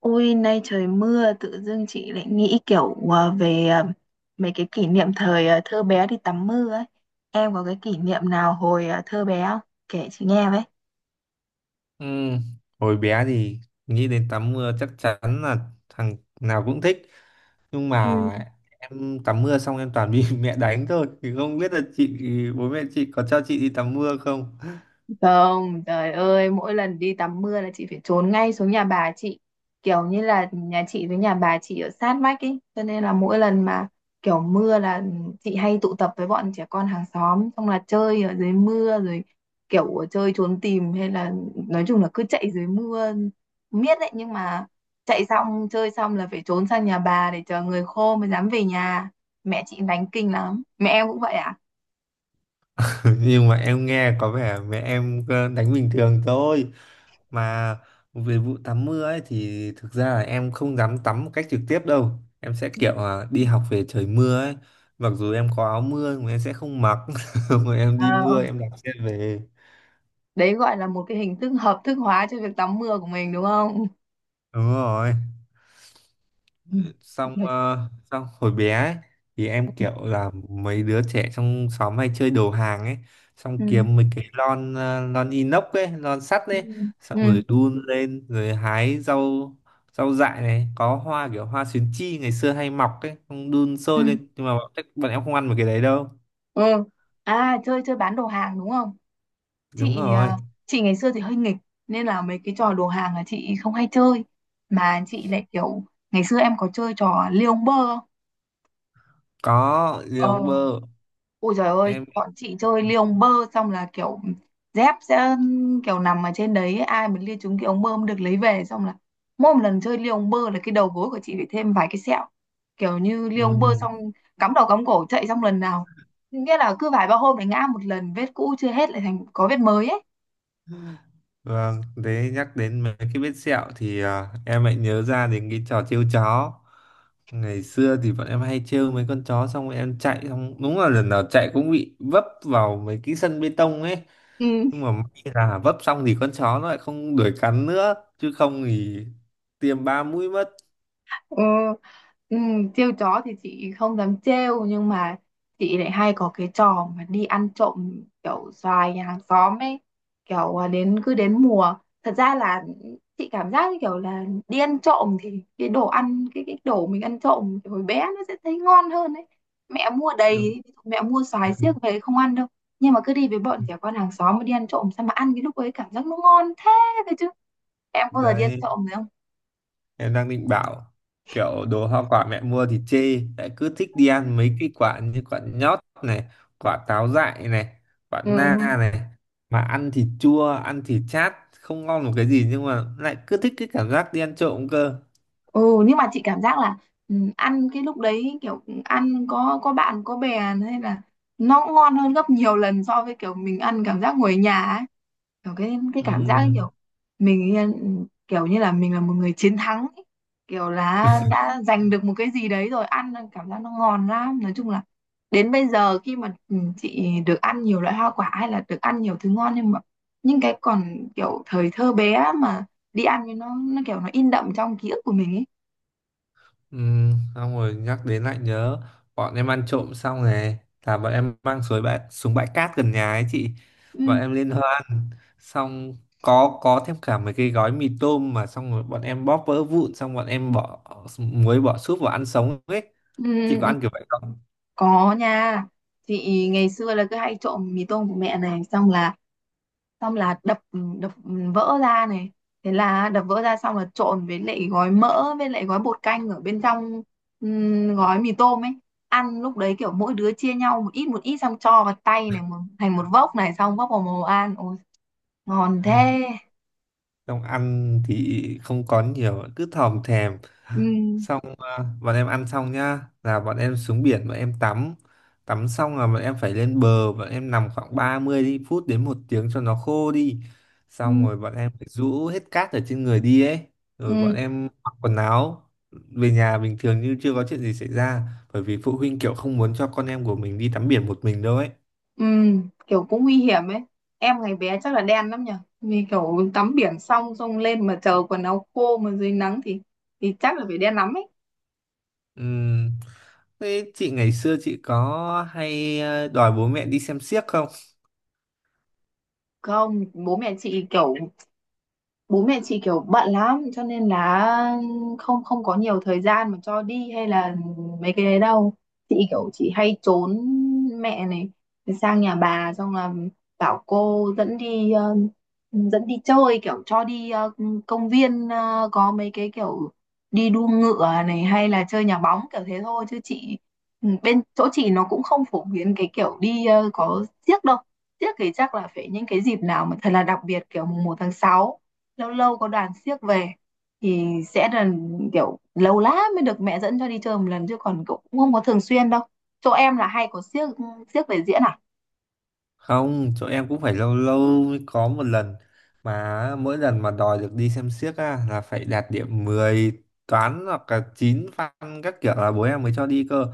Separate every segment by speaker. Speaker 1: Ôi, nay trời mưa, tự dưng chị lại nghĩ kiểu về mấy cái kỷ niệm thời thơ bé đi tắm mưa ấy. Em có cái kỷ niệm nào hồi thơ bé không? Kể chị nghe với.
Speaker 2: Ừ. Hồi bé thì nghĩ đến tắm mưa chắc chắn là thằng nào cũng thích, nhưng mà em tắm mưa xong em toàn bị mẹ đánh thôi, thì không biết là chị bố mẹ chị có cho chị đi tắm mưa không.
Speaker 1: Không, trời ơi, mỗi lần đi tắm mưa là chị phải trốn ngay xuống nhà bà chị. Kiểu như là nhà chị với nhà bà chị ở sát vách ấy, cho nên là mỗi lần mà kiểu mưa là chị hay tụ tập với bọn trẻ con hàng xóm, xong là chơi ở dưới mưa rồi kiểu chơi trốn tìm hay là nói chung là cứ chạy dưới mưa miết đấy, nhưng mà chạy xong chơi xong là phải trốn sang nhà bà để chờ người khô mới dám về nhà. Mẹ chị đánh kinh lắm. Mẹ em cũng vậy à?
Speaker 2: Nhưng mà em nghe có vẻ mẹ em đánh bình thường thôi. Mà về vụ tắm mưa ấy thì thực ra là em không dám tắm một cách trực tiếp đâu, em sẽ kiểu là đi học về trời mưa ấy, mặc dù em có áo mưa nhưng mà em sẽ không mặc mà em đi
Speaker 1: Ừ,
Speaker 2: mưa em đạp xe về.
Speaker 1: đấy gọi là một cái hình thức hợp thức hóa cho việc tắm mưa của mình đúng không?
Speaker 2: Đúng rồi.
Speaker 1: Ừ.
Speaker 2: Xong
Speaker 1: Ừ.
Speaker 2: xong hồi bé ấy, thì em kiểu là mấy đứa trẻ trong xóm hay chơi đồ hàng ấy, xong
Speaker 1: Ừ.
Speaker 2: kiếm mấy cái lon lon inox ấy, lon sắt ấy, xong
Speaker 1: Ừ.
Speaker 2: rồi đun lên rồi hái rau. Rau dại này có hoa kiểu hoa xuyến chi ngày xưa hay mọc ấy, xong đun
Speaker 1: Ừ.
Speaker 2: sôi lên, nhưng mà bọn em không ăn mấy cái đấy đâu.
Speaker 1: Ừ. À, chơi chơi bán đồ hàng đúng không?
Speaker 2: Đúng
Speaker 1: chị
Speaker 2: rồi.
Speaker 1: ờ, chị ngày xưa thì hơi nghịch nên là mấy cái trò đồ hàng là chị không hay chơi, mà chị lại kiểu, ngày xưa em có chơi trò liêu bơ không?
Speaker 2: Có lì
Speaker 1: Ờ.
Speaker 2: ông bơ.
Speaker 1: Ôi trời ơi,
Speaker 2: Em
Speaker 1: bọn chị chơi ly ông bơ, xong là kiểu dép sẽ kiểu nằm ở trên đấy, ai mà lia trúng cái ống bơm được lấy về. Xong là mỗi một lần chơi ly ông bơ là cái đầu gối của chị phải thêm vài cái sẹo, kiểu như ly ông bơ
Speaker 2: ừ.
Speaker 1: xong cắm đầu cắm cổ chạy, xong lần nào, nghĩa là cứ vài ba hôm lại ngã một lần, vết cũ chưa hết lại thành có vết mới ấy.
Speaker 2: Vâng, thế nhắc đến mấy cái vết sẹo thì em lại nhớ ra đến cái trò trêu chó. Ngày xưa thì bọn em hay trêu mấy con chó, xong rồi em chạy, xong đúng là lần nào chạy cũng bị vấp vào mấy cái sân bê tông ấy.
Speaker 1: Ừ.
Speaker 2: Nhưng mà may là vấp xong thì con chó nó lại không đuổi cắn nữa, chứ không thì tiêm ba mũi mất.
Speaker 1: Ừ, ừ, trêu chó thì chị không dám trêu, nhưng mà chị lại hay có cái trò mà đi ăn trộm kiểu xoài nhà hàng xóm ấy. Kiểu à, đến cứ đến mùa, thật ra là chị cảm giác như kiểu là đi ăn trộm thì cái đồ ăn, cái đồ mình ăn trộm kiểu hồi bé nó sẽ thấy ngon hơn ấy. Mẹ mua đầy
Speaker 2: Đúng.
Speaker 1: ấy, ví dụ mẹ mua xoài xiếc về không ăn đâu, nhưng mà cứ đi với bọn trẻ con hàng xóm mà đi ăn trộm, sao mà ăn cái lúc ấy cảm giác nó ngon thế đấy chứ. Em có bao giờ đi ăn
Speaker 2: Đấy.
Speaker 1: trộm rồi không?
Speaker 2: Em đang định bảo kiểu đồ hoa quả mẹ mua thì chê, lại cứ thích đi ăn mấy cái quả như quả nhót này, quả táo dại này, quả
Speaker 1: Ừ.
Speaker 2: na này, mà ăn thì chua, ăn thì chát, không ngon một cái gì, nhưng mà lại cứ thích cái cảm giác đi ăn trộm cơ.
Speaker 1: Ừ, nhưng mà chị cảm giác là ăn cái lúc đấy kiểu ăn có bạn có bè hay là nó cũng ngon hơn gấp nhiều lần so với kiểu mình ăn cảm giác ngồi ở nhà ấy. Kiểu cái cảm giác ấy
Speaker 2: Ừm.
Speaker 1: kiểu mình kiểu như là mình là một người chiến thắng ấy. Kiểu là đã giành được một cái gì đấy rồi ăn cảm giác nó ngon lắm. Nói chung là đến bây giờ khi mà chị được ăn nhiều loại hoa quả hay là được ăn nhiều thứ ngon, nhưng mà những cái còn kiểu thời thơ bé mà đi ăn thì nó kiểu nó in đậm trong ký ức của mình ấy.
Speaker 2: Ừ, xong rồi nhắc đến lại nhớ, bọn em ăn trộm xong này, là bọn em mang xuống bãi, xuống bãi cát gần nhà ấy chị, bọn
Speaker 1: Ừ,
Speaker 2: em liên hoan. Xong có thêm cả mấy cái gói mì tôm, mà xong rồi bọn em bóp vỡ vụn, xong bọn em bỏ muối bỏ súp vào ăn sống ấy.
Speaker 1: ừ,
Speaker 2: Chị có
Speaker 1: ừ,
Speaker 2: ăn kiểu vậy không?
Speaker 1: có nha. Chị ngày xưa là cứ hay trộm mì tôm của mẹ này, xong là đập đập vỡ ra này. Thế là đập vỡ ra xong là trộn với lại gói mỡ với lại gói bột canh ở bên trong, gói mì tôm ấy, ăn lúc đấy kiểu mỗi đứa chia nhau một ít một ít, xong cho vào tay này một, thành một vốc này, xong vốc vào mồm ăn, ôi ngon thế.
Speaker 2: Xong ăn thì không có nhiều, cứ thòm thèm.
Speaker 1: Ừ.
Speaker 2: Xong bọn em ăn xong nhá là bọn em xuống biển bọn em tắm, tắm xong là bọn em phải lên bờ, bọn em nằm khoảng 30 phút đến một tiếng cho nó khô đi,
Speaker 1: Ừ.
Speaker 2: xong rồi bọn em phải rũ hết cát ở trên người đi ấy, rồi bọn
Speaker 1: Ừ.
Speaker 2: em mặc quần áo về nhà bình thường như chưa có chuyện gì xảy ra. Bởi vì phụ huynh kiểu không muốn cho con em của mình đi tắm biển một mình đâu ấy.
Speaker 1: Ừ, kiểu cũng nguy hiểm ấy. Em ngày bé chắc là đen lắm nhỉ. Vì kiểu tắm biển xong xong lên mà chờ quần áo khô mà dưới nắng thì chắc là phải đen lắm ấy.
Speaker 2: Ừm. Thế chị ngày xưa chị có hay đòi bố mẹ đi xem xiếc không?
Speaker 1: Không, bố mẹ chị kiểu bận lắm cho nên là không không có nhiều thời gian mà cho đi hay là mấy cái đấy đâu. Chị hay trốn mẹ này, sang nhà bà xong là bảo cô dẫn đi chơi, kiểu cho đi công viên, có mấy cái kiểu đi đua ngựa này hay là chơi nhà bóng kiểu thế thôi. Chứ bên chỗ chị nó cũng không phổ biến cái kiểu đi có xiếc đâu. Tiếc thì chắc là phải những cái dịp nào mà thật là đặc biệt, kiểu mùng 1 tháng 6 lâu lâu có đoàn xiếc về thì sẽ là kiểu lâu lắm mới được mẹ dẫn cho đi chơi một lần, chứ còn cũng không có thường xuyên đâu. Chỗ em là hay có xiếc xiếc về diễn à?
Speaker 2: Không, chỗ em cũng phải lâu lâu mới có một lần, mà mỗi lần mà đòi được đi xem xiếc á, là phải đạt điểm 10 toán hoặc là 9 văn các kiểu là bố em mới cho đi cơ.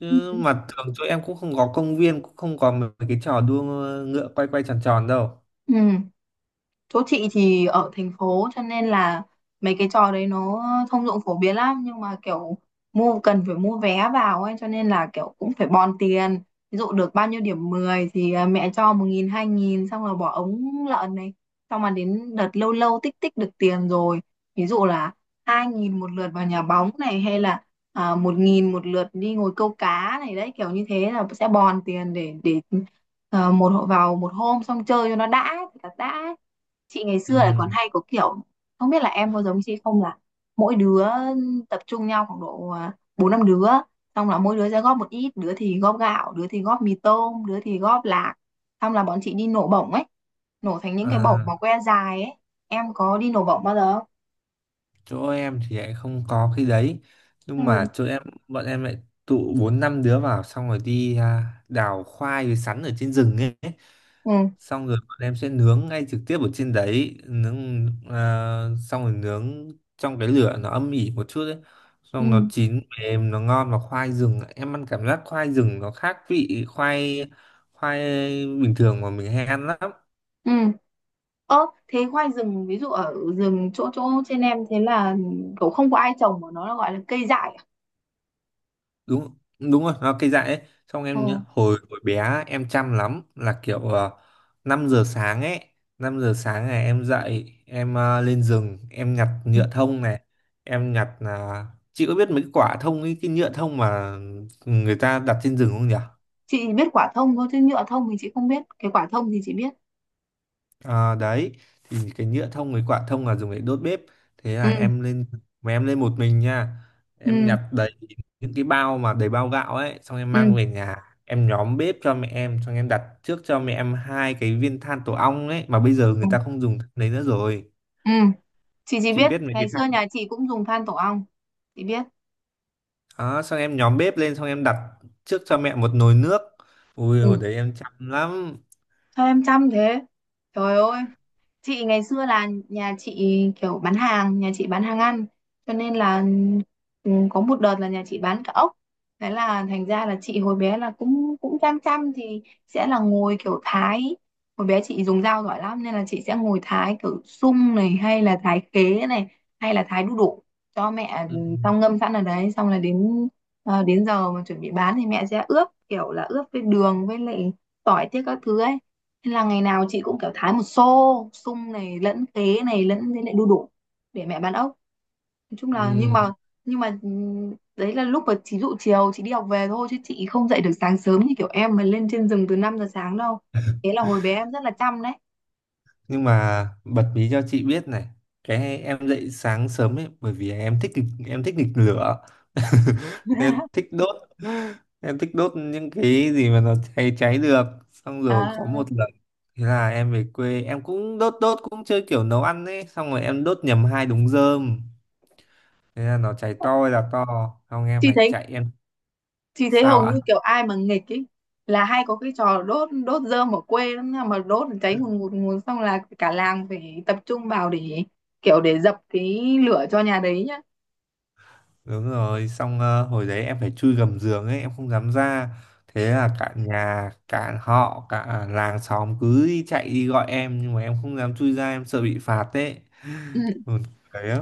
Speaker 2: Chứ
Speaker 1: Ừ.
Speaker 2: mà thường chỗ em cũng không có công viên, cũng không có mấy cái trò đua ngựa quay quay tròn tròn đâu.
Speaker 1: Ừ, chỗ chị thì ở thành phố cho nên là mấy cái trò đấy nó thông dụng phổ biến lắm, nhưng mà kiểu cần phải mua vé vào ấy, cho nên là kiểu cũng phải bòn tiền. Ví dụ được bao nhiêu điểm 10 thì mẹ cho 1.000 2.000, xong rồi bỏ ống lợn này. Xong mà đến đợt lâu lâu tích tích được tiền rồi, ví dụ là 2.000 một lượt vào nhà bóng này, hay là 1.000 một lượt đi ngồi câu cá này, đấy kiểu như thế là sẽ bòn tiền để một hộ vào một hôm xong chơi cho nó đã, thật là đã. Chị ngày xưa là
Speaker 2: Ừ.
Speaker 1: còn hay có kiểu, không biết là em có giống chị không, là mỗi đứa tập trung nhau khoảng độ bốn năm đứa, xong là mỗi đứa sẽ góp một ít, đứa thì góp gạo, đứa thì góp mì tôm, đứa thì góp lạc, xong là bọn chị đi nổ bổng ấy, nổ thành những cái bổng
Speaker 2: À.
Speaker 1: mà que dài ấy. Em có đi nổ bổng bao giờ
Speaker 2: Chỗ em thì lại không có cái đấy, nhưng mà
Speaker 1: không?
Speaker 2: chỗ Ừ. em bọn em lại tụ bốn năm đứa vào, xong rồi đi đào khoai với sắn ở trên rừng ấy,
Speaker 1: Ừ. Ừ.
Speaker 2: xong rồi bọn em sẽ nướng ngay trực tiếp ở trên đấy nướng xong rồi nướng trong cái lửa nó âm ỉ một chút ấy, xong nó
Speaker 1: Ừ.
Speaker 2: chín mềm nó ngon, và khoai rừng em ăn cảm giác khoai rừng nó khác vị khoai, khoai bình thường mà mình hay ăn lắm.
Speaker 1: Ừ. Ơ thế khoai rừng ví dụ ở rừng chỗ chỗ trên em, thế là kiểu không có ai trồng mà nó là gọi là cây dại à?
Speaker 2: Đúng đúng rồi nó cây dại ấy. Xong
Speaker 1: Ừ,
Speaker 2: em nhớ hồi hồi bé á, em chăm lắm, là kiểu 5 giờ sáng ấy, 5 giờ sáng này em dậy em lên rừng em nhặt nhựa thông này, em nhặt là, chị có biết mấy cái quả thông ấy, cái nhựa thông mà người ta đặt trên rừng không nhỉ?
Speaker 1: chị biết quả thông thôi chứ nhựa thông thì chị không biết, cái quả thông thì chị biết.
Speaker 2: Đấy, thì cái nhựa thông với quả thông là dùng để đốt bếp. Thế
Speaker 1: Ừ.
Speaker 2: là em lên, mà em lên một mình nha, em
Speaker 1: Ừ.
Speaker 2: nhặt đấy, những cái bao mà đầy bao gạo ấy, xong em mang
Speaker 1: Ừ.
Speaker 2: về nhà, em nhóm bếp cho mẹ em, xong em đặt trước cho mẹ em hai cái viên than tổ ong ấy, mà bây giờ
Speaker 1: Ừ.
Speaker 2: người ta không dùng than đấy nữa rồi.
Speaker 1: Ừ. Chị chỉ
Speaker 2: Chị
Speaker 1: biết
Speaker 2: biết mấy
Speaker 1: ngày
Speaker 2: cái
Speaker 1: xưa
Speaker 2: than
Speaker 1: nhà chị cũng dùng than tổ ong. Chị biết.
Speaker 2: đó. Xong em nhóm bếp lên, xong em đặt trước cho mẹ một nồi nước. Ui
Speaker 1: Ừ,
Speaker 2: hồi đấy em chăm lắm.
Speaker 1: sao em chăm thế, trời ơi. Chị ngày xưa là nhà chị bán hàng ăn cho nên là có một đợt là nhà chị bán cả ốc. Thế là thành ra là chị hồi bé là cũng cũng chăm chăm, thì sẽ là ngồi kiểu thái, hồi bé chị dùng dao giỏi lắm nên là chị sẽ ngồi thái kiểu sung này, hay là thái khế này, hay là thái đu đủ cho mẹ,
Speaker 2: Ừ.
Speaker 1: xong ngâm sẵn ở đấy, xong là đến đến giờ mà chuẩn bị bán thì mẹ sẽ ướp kiểu là ướp với đường với lại tỏi tiết các thứ ấy. Thế là ngày nào chị cũng kiểu thái một xô sung này lẫn khế này lẫn thế lại đu đủ để mẹ bán ốc, nói chung là. nhưng
Speaker 2: Ừ.
Speaker 1: mà nhưng mà ừm, đấy là lúc mà chị dụ chiều chị đi học về thôi, chứ chị không dậy được sáng sớm như kiểu em mà lên trên rừng từ 5 giờ sáng đâu. Thế là hồi bé em rất là chăm đấy.
Speaker 2: Nhưng mà bật mí cho chị biết này, cái em dậy sáng sớm ấy bởi vì em thích em thích nghịch lửa. Em thích đốt, em thích đốt những cái gì mà nó cháy cháy được. Xong rồi
Speaker 1: à,
Speaker 2: có một lần, thế là em về quê em cũng đốt đốt cũng chơi kiểu nấu ăn ấy, xong rồi em đốt nhầm hai đống rơm, thế là nó cháy to là to, xong em
Speaker 1: chị
Speaker 2: phải
Speaker 1: thấy
Speaker 2: chạy em.
Speaker 1: chị thấy
Speaker 2: Sao
Speaker 1: hầu
Speaker 2: ạ?
Speaker 1: như kiểu ai mà nghịch ấy là hay có cái trò đốt đốt rơm ở quê lắm nha, mà đốt cháy ngùn ngụt xong là cả làng phải tập trung vào để kiểu để dập cái lửa cho nhà đấy
Speaker 2: Đúng rồi, xong hồi đấy em phải chui gầm giường ấy, em không dám ra, thế là cả nhà cả họ cả làng xóm cứ đi chạy đi gọi em, nhưng mà em không dám chui ra, em sợ bị phạt ấy.
Speaker 1: nhá.
Speaker 2: Buồn cười lắm.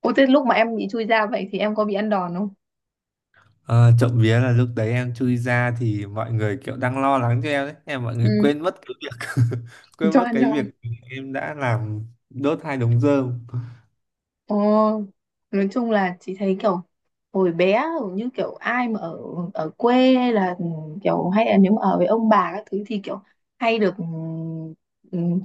Speaker 1: Ủa thế lúc mà em bị chui ra vậy thì em có bị ăn đòn không?
Speaker 2: Ờ, trộm vía là lúc đấy em chui ra thì mọi người kiểu đang lo lắng cho em đấy, em mọi người
Speaker 1: Ừ,
Speaker 2: quên mất cái việc quên
Speaker 1: cho
Speaker 2: mất
Speaker 1: ăn
Speaker 2: cái
Speaker 1: đòn.
Speaker 2: việc em đã làm, đốt hai đống rơm.
Speaker 1: Ồ, nói chung là chị thấy kiểu hồi bé hầu như kiểu ai mà ở ở quê hay là kiểu hay là nếu mà ở với ông bà các thứ thì kiểu hay được ừm,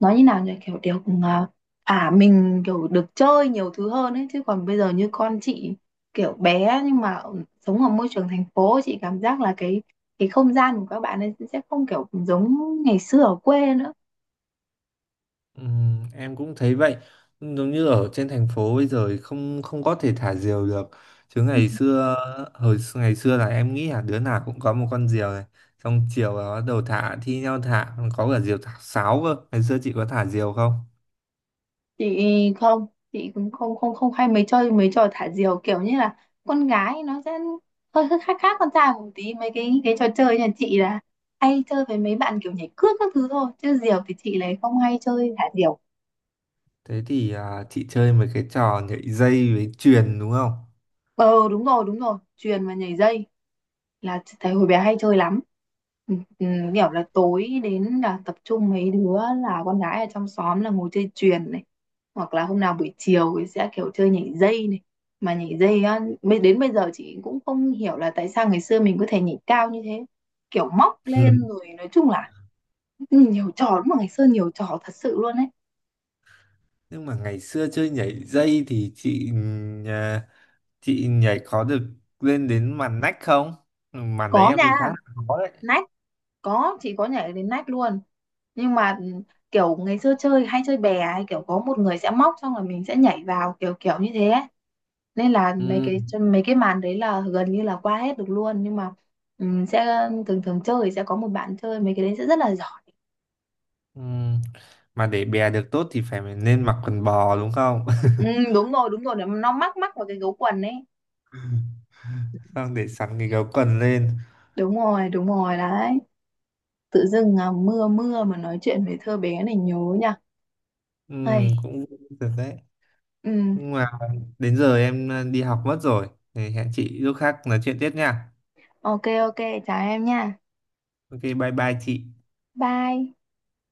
Speaker 1: nói như nào nhỉ, kiểu được thả mình, kiểu được chơi nhiều thứ hơn ấy. Chứ còn bây giờ như con chị kiểu bé nhưng mà sống ở môi trường thành phố, chị cảm giác là cái không gian của các bạn ấy sẽ không kiểu giống ngày xưa ở quê nữa.
Speaker 2: Em cũng thấy vậy, giống như ở trên thành phố bây giờ thì không không có thể thả diều được, chứ ngày xưa, ngày xưa là em nghĩ là đứa nào cũng có một con diều này, xong chiều là bắt đầu thả thi nhau thả, còn có cả diều thả sáo cơ. Ngày xưa chị có thả diều không?
Speaker 1: Chị cũng không không không hay mấy mấy trò thả diều, kiểu như là con gái nó sẽ hơi hơi khác khác con trai một tí. Mấy cái trò chơi nhà chị là hay chơi với mấy bạn kiểu nhảy cước các thứ thôi, chứ diều thì chị lại không hay chơi thả diều.
Speaker 2: Thế thì chị chơi mấy cái trò nhảy dây với chuyền đúng không?
Speaker 1: Ờ đúng rồi đúng rồi, chuyền và nhảy dây là thấy hồi bé hay chơi lắm. Ừ, ừ, kiểu là tối đến là tập trung mấy đứa là con gái ở trong xóm là ngồi chơi chuyền này, hoặc là hôm nào buổi chiều thì sẽ kiểu chơi nhảy dây này. Mà nhảy dây á, đến bây giờ chị cũng không hiểu là tại sao ngày xưa mình có thể nhảy cao như thế, kiểu móc
Speaker 2: Ừ.
Speaker 1: lên rồi, nói chung là nhiều trò, đúng mà ngày xưa nhiều trò thật sự luôn ấy.
Speaker 2: Nhưng mà ngày xưa chơi nhảy dây thì chị nhà- chị nhảy có được lên đến màn nách không? Ừ, màn đấy
Speaker 1: Có
Speaker 2: em
Speaker 1: nha.
Speaker 2: thấy khá là khó đấy.
Speaker 1: Nách, có, chị có nhảy đến nách luôn, nhưng mà kiểu ngày xưa chơi hay chơi bè ấy, kiểu có một người sẽ móc xong rồi mình sẽ nhảy vào kiểu kiểu như thế ấy. Nên là mấy
Speaker 2: Ừ.
Speaker 1: cái mấy cái màn đấy là gần như là qua hết được luôn, nhưng mà sẽ thường thường chơi sẽ có một bạn chơi mấy cái đấy sẽ rất là giỏi.
Speaker 2: Ừ. Mà để bè được tốt thì phải nên mặc quần bò đúng không?
Speaker 1: Ừ, đúng rồi đúng rồi, nó mắc mắc vào cái gấu quần ấy.
Speaker 2: Xong để sẵn cái gấu quần lên.
Speaker 1: Đúng rồi đúng rồi đấy. Tự dưng mưa mưa mà nói chuyện về thơ bé này nhớ nha.
Speaker 2: Ừ,
Speaker 1: Ây,
Speaker 2: cũng được đấy.
Speaker 1: ừm,
Speaker 2: Nhưng mà đến giờ em đi học mất rồi. Thì hẹn chị lúc khác nói chuyện tiếp nha.
Speaker 1: ok ok, chào em nha.
Speaker 2: Ok, bye bye chị.
Speaker 1: Bye.